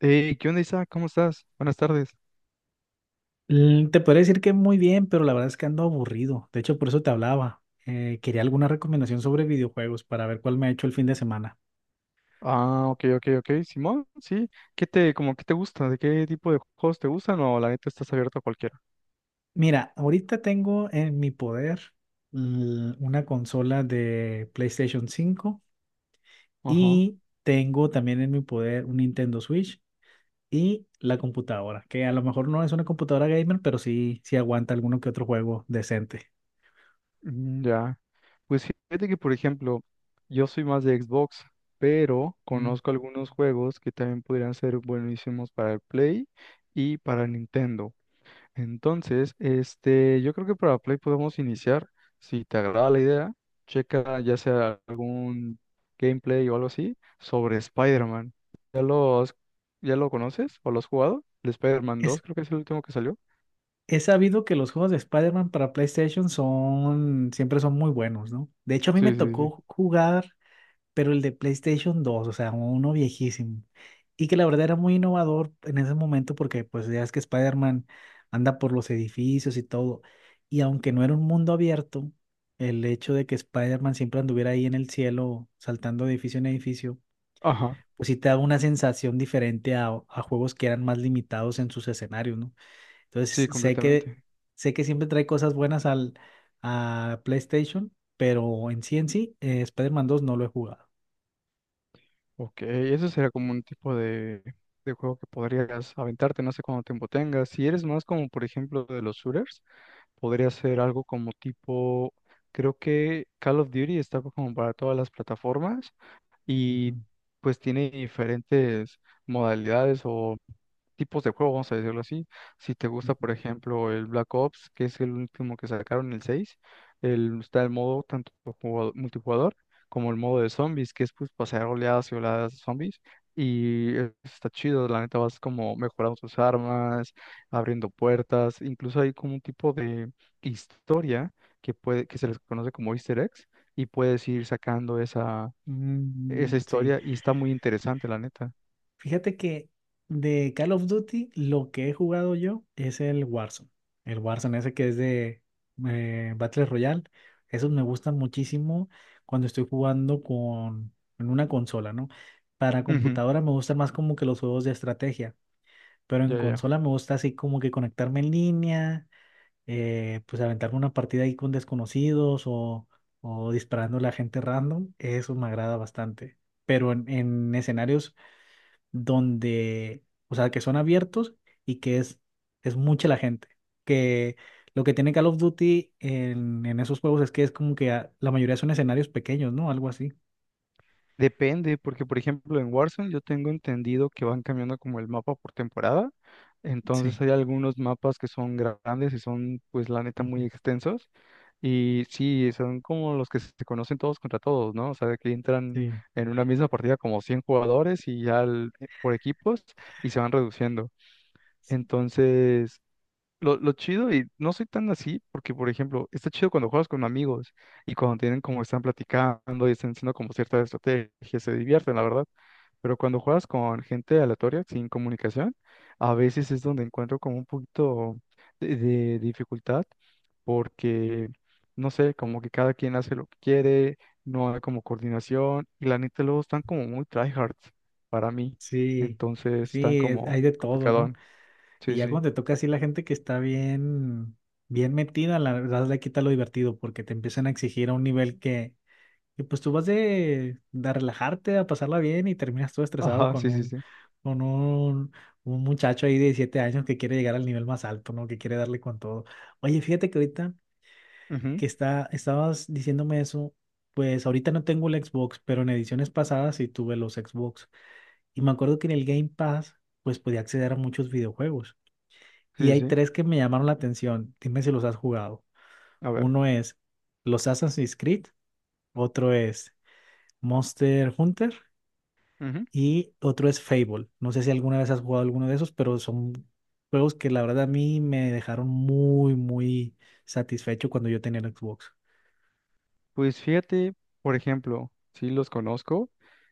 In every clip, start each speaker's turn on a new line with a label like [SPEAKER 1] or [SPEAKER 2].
[SPEAKER 1] Hey, ¿qué onda, Isa? ¿Cómo estás? Buenas tardes.
[SPEAKER 2] Te podría decir que muy bien, pero la verdad es que ando aburrido. De hecho, por eso te hablaba. Quería alguna recomendación sobre videojuegos para ver cuál me ha hecho el fin de semana.
[SPEAKER 1] Ah, ok, ok, ok. Simón, sí. ¿Qué te, como, qué te gusta? ¿De qué tipo de juegos te gustan? O la neta estás abierto a cualquiera.
[SPEAKER 2] Mira, ahorita tengo en mi poder una consola de PlayStation cinco
[SPEAKER 1] Ajá.
[SPEAKER 2] y tengo también en mi poder un Nintendo Switch y la computadora, que a lo mejor no es una computadora gamer, pero sí aguanta alguno que otro juego decente.
[SPEAKER 1] Ya. Pues fíjate que, por ejemplo, yo soy más de Xbox, pero
[SPEAKER 2] Mm.
[SPEAKER 1] conozco algunos juegos que también podrían ser buenísimos para el Play y para Nintendo. Entonces, yo creo que para Play podemos iniciar. Si te agrada la idea, checa ya sea algún gameplay o algo así sobre Spider-Man. ¿Ya lo has- ¿Ya lo conoces o lo has jugado? El Spider-Man
[SPEAKER 2] Es
[SPEAKER 1] 2 creo que es el último que salió.
[SPEAKER 2] He sabido que los juegos de Spider-Man para PlayStation siempre son muy buenos, ¿no? De hecho, a mí me
[SPEAKER 1] Sí, sí, sí.
[SPEAKER 2] tocó jugar, pero el de PlayStation dos, o sea, uno viejísimo. Y que la verdad era muy innovador en ese momento porque pues ya es que Spider-Man anda por los edificios y todo. Y aunque no era un mundo abierto, el hecho de que Spider-Man siempre anduviera ahí en el cielo, saltando de edificio en edificio,
[SPEAKER 1] Ajá,
[SPEAKER 2] pues sí te da una sensación diferente a juegos que eran más limitados en sus escenarios, ¿no?
[SPEAKER 1] sí,
[SPEAKER 2] Entonces, sé que,
[SPEAKER 1] completamente.
[SPEAKER 2] sé que siempre trae cosas buenas a PlayStation, pero en sí, Spider-Man 2 no lo he jugado.
[SPEAKER 1] Ok, eso será como un tipo de juego que podrías aventarte, no sé cuánto tiempo tengas. Si eres más como, por ejemplo, de los shooters, podría ser algo como tipo, creo que Call of Duty está como para todas las plataformas y
[SPEAKER 2] Ujú,
[SPEAKER 1] pues tiene diferentes modalidades o tipos de juego, vamos a decirlo así. Si te gusta,
[SPEAKER 2] ujú.
[SPEAKER 1] por ejemplo, el Black Ops, que es el último que sacaron, el 6 el, está el modo tanto multijugador como el modo de zombies, que es pues pasar oleadas y oleadas de zombies. Y está chido, la neta vas como mejorando tus armas, abriendo puertas, incluso hay como un tipo de historia que puede, que se les conoce como Easter eggs, y puedes ir sacando esa,
[SPEAKER 2] Mm,
[SPEAKER 1] esa
[SPEAKER 2] sí.
[SPEAKER 1] historia, y está muy interesante, la neta.
[SPEAKER 2] Fíjate que de Call of Duty lo que he jugado yo es el Warzone. El Warzone ese que es de Battle Royale. Esos me gustan muchísimo cuando estoy jugando con en una consola, ¿no? Para
[SPEAKER 1] Ujú.
[SPEAKER 2] computadora me gustan más como que los juegos de estrategia. Pero en
[SPEAKER 1] Ya, ya.
[SPEAKER 2] consola me gusta así como que conectarme en línea, pues aventarme una partida ahí con desconocidos o disparando a la gente random. Eso me agrada bastante. Pero en escenarios donde, o sea, que son abiertos y que es mucha la gente. Que lo que tiene Call of Duty en esos juegos es que es como que la mayoría son escenarios pequeños, ¿no? Algo así.
[SPEAKER 1] Depende, porque por ejemplo en Warzone yo tengo entendido que van cambiando como el mapa por temporada,
[SPEAKER 2] Sí.
[SPEAKER 1] entonces hay algunos mapas que son grandes y son pues la neta
[SPEAKER 2] Ujú.
[SPEAKER 1] muy extensos y sí, son como los que se conocen todos contra todos, ¿no? O sea, que entran
[SPEAKER 2] Sí,
[SPEAKER 1] en una misma partida como 100 jugadores y ya por equipos y se van reduciendo.
[SPEAKER 2] sí,
[SPEAKER 1] Entonces, lo chido, y no soy tan así, porque, por ejemplo, está chido cuando juegas con amigos y cuando tienen como están platicando y están haciendo como ciertas estrategias, se divierten, la verdad. Pero cuando juegas con gente aleatoria, sin comunicación, a veces es donde encuentro como un poquito de dificultad, porque, no sé, como que cada quien hace lo que quiere, no hay como coordinación, y la neta luego están como muy tryhards para mí,
[SPEAKER 2] sí,
[SPEAKER 1] entonces están
[SPEAKER 2] sí, hay
[SPEAKER 1] como
[SPEAKER 2] de todo, ¿no?
[SPEAKER 1] complicadón. Sí,
[SPEAKER 2] Y ya
[SPEAKER 1] sí.
[SPEAKER 2] cuando te toca así la gente que está bien, bien metida, la verdad le quita lo divertido porque te empiezan a exigir a un nivel que, pues tú vas de relajarte, a pasarla bien y terminas todo estresado
[SPEAKER 1] Ajá,
[SPEAKER 2] con
[SPEAKER 1] sí, sí, sí.
[SPEAKER 2] con un, un muchacho ahí de 17 años que quiere llegar al nivel más alto, ¿no? Que quiere darle con todo. Oye, fíjate que ahorita
[SPEAKER 1] Ujú.
[SPEAKER 2] que estabas diciéndome eso, pues ahorita no tengo el Xbox, pero en ediciones pasadas sí tuve los Xbox. Y me acuerdo que en el Game Pass, pues podía acceder a muchos videojuegos. Y
[SPEAKER 1] Sí, sí.
[SPEAKER 2] hay
[SPEAKER 1] Sí.
[SPEAKER 2] tres que me llamaron la atención. Dime si los has jugado.
[SPEAKER 1] A ver.
[SPEAKER 2] Uno es los Assassin's Creed, otro es Monster Hunter
[SPEAKER 1] Ujú.
[SPEAKER 2] y otro es Fable. No sé si alguna vez has jugado alguno de esos, pero son juegos que la verdad a mí me dejaron muy, muy satisfecho cuando yo tenía el Xbox.
[SPEAKER 1] Pues fíjate, por ejemplo, sí los conozco.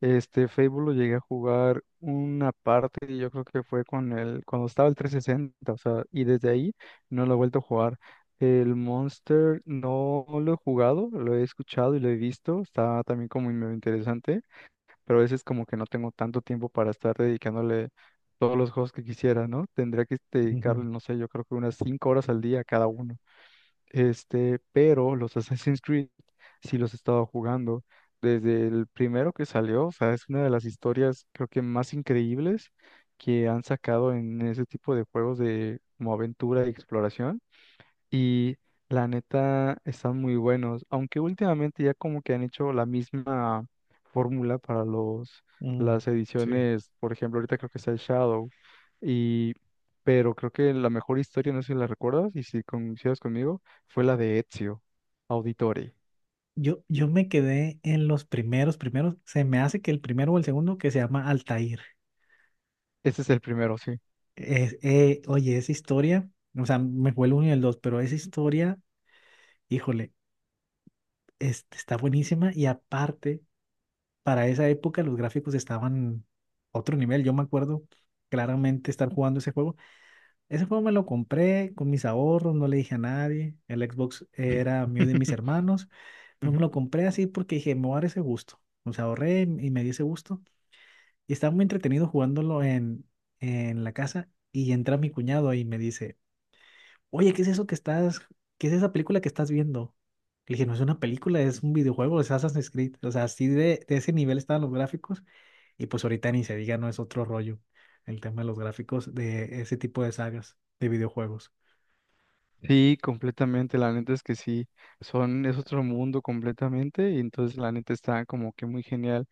[SPEAKER 1] Este Fable lo llegué a jugar una parte, y yo creo que fue con el, cuando estaba el 360, o sea, y desde ahí no lo he vuelto a jugar. El Monster no lo he jugado, lo he escuchado y lo he visto. Está también como medio interesante, pero a veces como que no tengo tanto tiempo para estar dedicándole todos los juegos que quisiera, ¿no? Tendría que
[SPEAKER 2] Ujú,
[SPEAKER 1] dedicarle, no sé, yo creo que unas 5 horas al día a cada uno. Pero los Assassin's Creed sí los he estado jugando desde el primero que salió, o sea, es una de las historias creo que más increíbles que han sacado en ese tipo de juegos de como aventura y exploración y la neta están muy buenos, aunque últimamente ya como que han hecho la misma fórmula para los
[SPEAKER 2] ujú.
[SPEAKER 1] las
[SPEAKER 2] Sí.
[SPEAKER 1] ediciones, por ejemplo, ahorita creo que está el Shadow y pero creo que la mejor historia, no sé si la recuerdas y si coincidas conmigo, fue la de Ezio Auditore.
[SPEAKER 2] Yo me quedé en los primeros, se me hace que el primero o el segundo que se llama Altair.
[SPEAKER 1] Ese es el primero, sí.
[SPEAKER 2] Oye, esa historia, o sea, me fue el uno y el dos, pero esa historia híjole, este, está buenísima y aparte, para esa época los gráficos estaban a otro nivel. Yo me acuerdo claramente estar jugando ese juego. Ese juego me lo compré con mis ahorros, no le dije a nadie. El Xbox era mío y de mis hermanos, pero me
[SPEAKER 1] Ujú.
[SPEAKER 2] lo compré así porque dije, me voy a dar ese gusto. O sea, ahorré y me di ese gusto. Y estaba muy entretenido jugándolo en la casa y entra mi cuñado y me dice, oye, ¿qué es esa película que estás viendo? Le dije, no es una película, es un videojuego, es Assassin's Creed. O sea, así de ese nivel estaban los gráficos y pues ahorita ni se diga, no es otro rollo el tema de los gráficos de ese tipo de sagas de videojuegos.
[SPEAKER 1] Sí, completamente, la neta es que sí, son, es otro mundo completamente y entonces la neta está como que muy genial.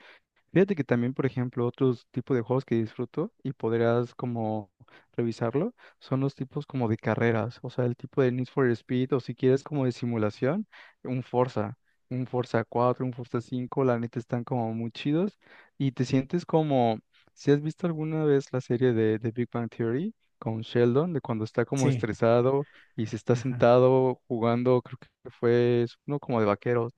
[SPEAKER 1] Fíjate que también, por ejemplo, otros tipos de juegos que disfruto y podrás como revisarlo, son los tipos como de carreras, o sea, el tipo de Need for Speed o si quieres como de simulación, un Forza, un Forza cuatro, un Forza cinco, la neta están como muy chidos y te sientes como, si has visto alguna vez la serie de Big Bang Theory con Sheldon, de cuando está como
[SPEAKER 2] Sí,
[SPEAKER 1] estresado y se está
[SPEAKER 2] ajá.
[SPEAKER 1] sentado jugando, creo que fue es uno como de vaqueros,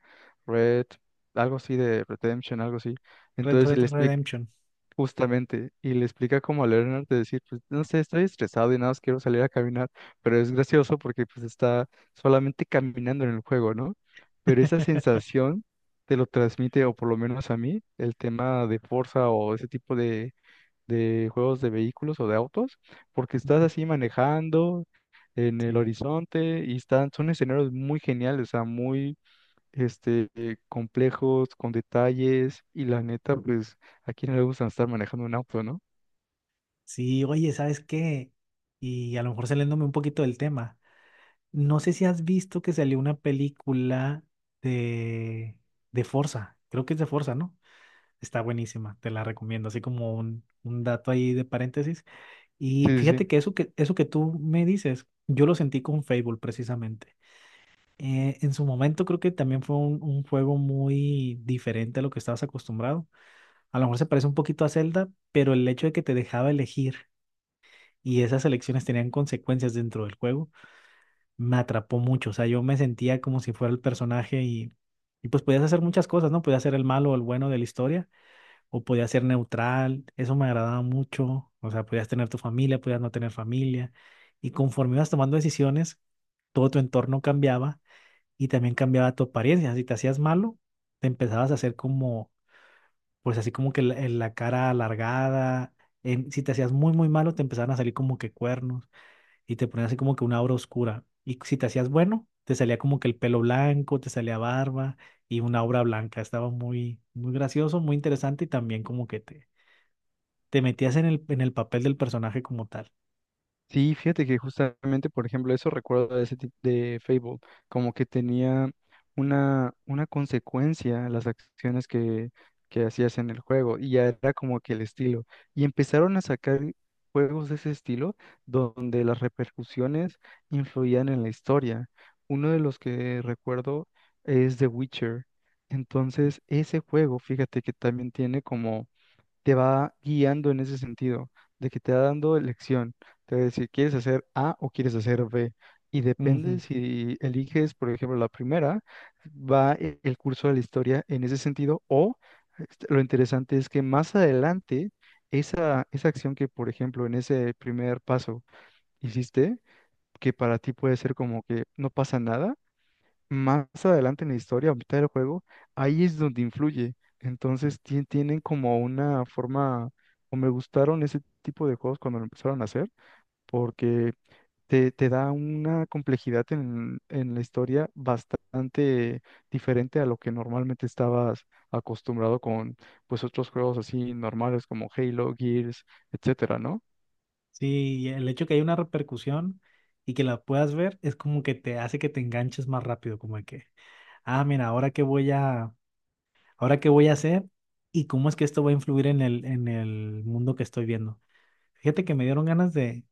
[SPEAKER 1] Red, algo así de Redemption, algo así
[SPEAKER 2] Red
[SPEAKER 1] entonces, si
[SPEAKER 2] Red
[SPEAKER 1] le explica,
[SPEAKER 2] Redemption.
[SPEAKER 1] justamente, y le explica como a Leonard de decir, pues, no sé, estoy estresado y nada más quiero salir a caminar, pero es gracioso porque pues está solamente caminando en el juego, ¿no? Pero esa sensación te lo transmite, o por lo menos a mí, el tema de Forza o ese tipo de juegos de vehículos o de autos, porque estás
[SPEAKER 2] Ujú.
[SPEAKER 1] así manejando en el
[SPEAKER 2] Sí.
[SPEAKER 1] horizonte y están, son escenarios muy geniales, o sea, muy complejos, con detalles, y la neta, pues, ¿a quién no le gusta estar manejando un auto, no?
[SPEAKER 2] Sí, oye, ¿sabes qué? Y a lo mejor saliéndome un poquito del tema. No sé si has visto que salió una película de, de Forza. Creo que es de Forza, ¿no? Está buenísima, te la recomiendo, así como un dato ahí de paréntesis. Y
[SPEAKER 1] Sí, sí,
[SPEAKER 2] fíjate
[SPEAKER 1] sí.
[SPEAKER 2] que eso que tú me dices, yo lo sentí con Fable precisamente. En su momento creo que también fue un juego muy diferente a lo que estabas acostumbrado. A lo mejor se parece un poquito a Zelda, pero el hecho de que te dejaba elegir y esas elecciones tenían consecuencias dentro del juego, me atrapó mucho. O sea, yo me sentía como si fuera el personaje y pues podías hacer muchas cosas, ¿no? Podías ser el malo o el bueno de la historia o podías ser neutral, eso me agradaba mucho, o sea, podías tener tu familia, podías no tener familia, y conforme ibas tomando decisiones, todo tu entorno cambiaba y también cambiaba tu apariencia, si te hacías malo, te empezabas a hacer como, pues así como que en la cara alargada, si te hacías muy, muy malo, te empezaban a salir como que cuernos y te ponías así como que una aura oscura, y si te hacías bueno, te salía como que el pelo blanco, te salía barba y una obra blanca. Estaba muy, muy gracioso, muy interesante y también como que te metías en el papel del personaje como tal.
[SPEAKER 1] Sí, fíjate que justamente, por ejemplo, eso recuerdo de ese tipo de Fable, como que tenía una consecuencia a las acciones que hacías en el juego, y ya era como que el estilo. Y empezaron a sacar juegos de ese estilo donde las repercusiones influían en la historia. Uno de los que recuerdo es The Witcher. Entonces, ese juego, fíjate que también tiene como te va guiando en ese sentido, de que te va dando elección, te va a decir, ¿quieres hacer A o quieres hacer B? Y
[SPEAKER 2] Ujú.
[SPEAKER 1] depende si eliges, por ejemplo, la primera, el curso de la historia en ese sentido, o lo interesante es que más adelante, esa acción que, por ejemplo, en ese primer paso hiciste, que para ti puede ser como que no pasa nada, más adelante en la historia, a mitad del juego, ahí es donde influye. Tienen como una forma, o me gustaron ese tipo de juegos cuando lo empezaron a hacer, porque te da una complejidad en la historia bastante diferente a lo que normalmente estabas acostumbrado con pues otros juegos así normales como Halo, Gears, etcétera, ¿no?
[SPEAKER 2] Sí, y el hecho que hay una repercusión y que la puedas ver es como que te hace que te enganches más rápido, como de que, ah, mira, ahora qué voy a hacer y cómo es que esto va a influir en el mundo que estoy viendo. Fíjate que me dieron ganas de,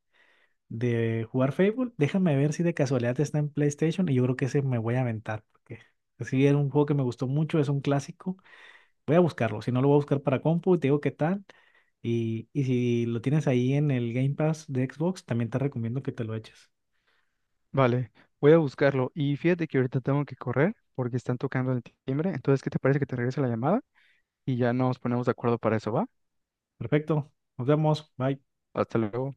[SPEAKER 2] de jugar Fable. Déjame ver si de casualidad está en PlayStation y yo creo que ese me voy a aventar, porque sí, era un juego que me gustó mucho, es un clásico. Voy a buscarlo, si no lo voy a buscar para compu, te digo qué tal. Y si lo tienes ahí en el Game Pass de Xbox, también te recomiendo que te lo eches.
[SPEAKER 1] Vale, voy a buscarlo. Y fíjate que ahorita tengo que correr porque están tocando el timbre. Entonces, ¿qué te parece que te regrese la llamada? Y ya nos ponemos de acuerdo para eso, ¿va?
[SPEAKER 2] Perfecto, nos vemos, bye.
[SPEAKER 1] Hasta luego.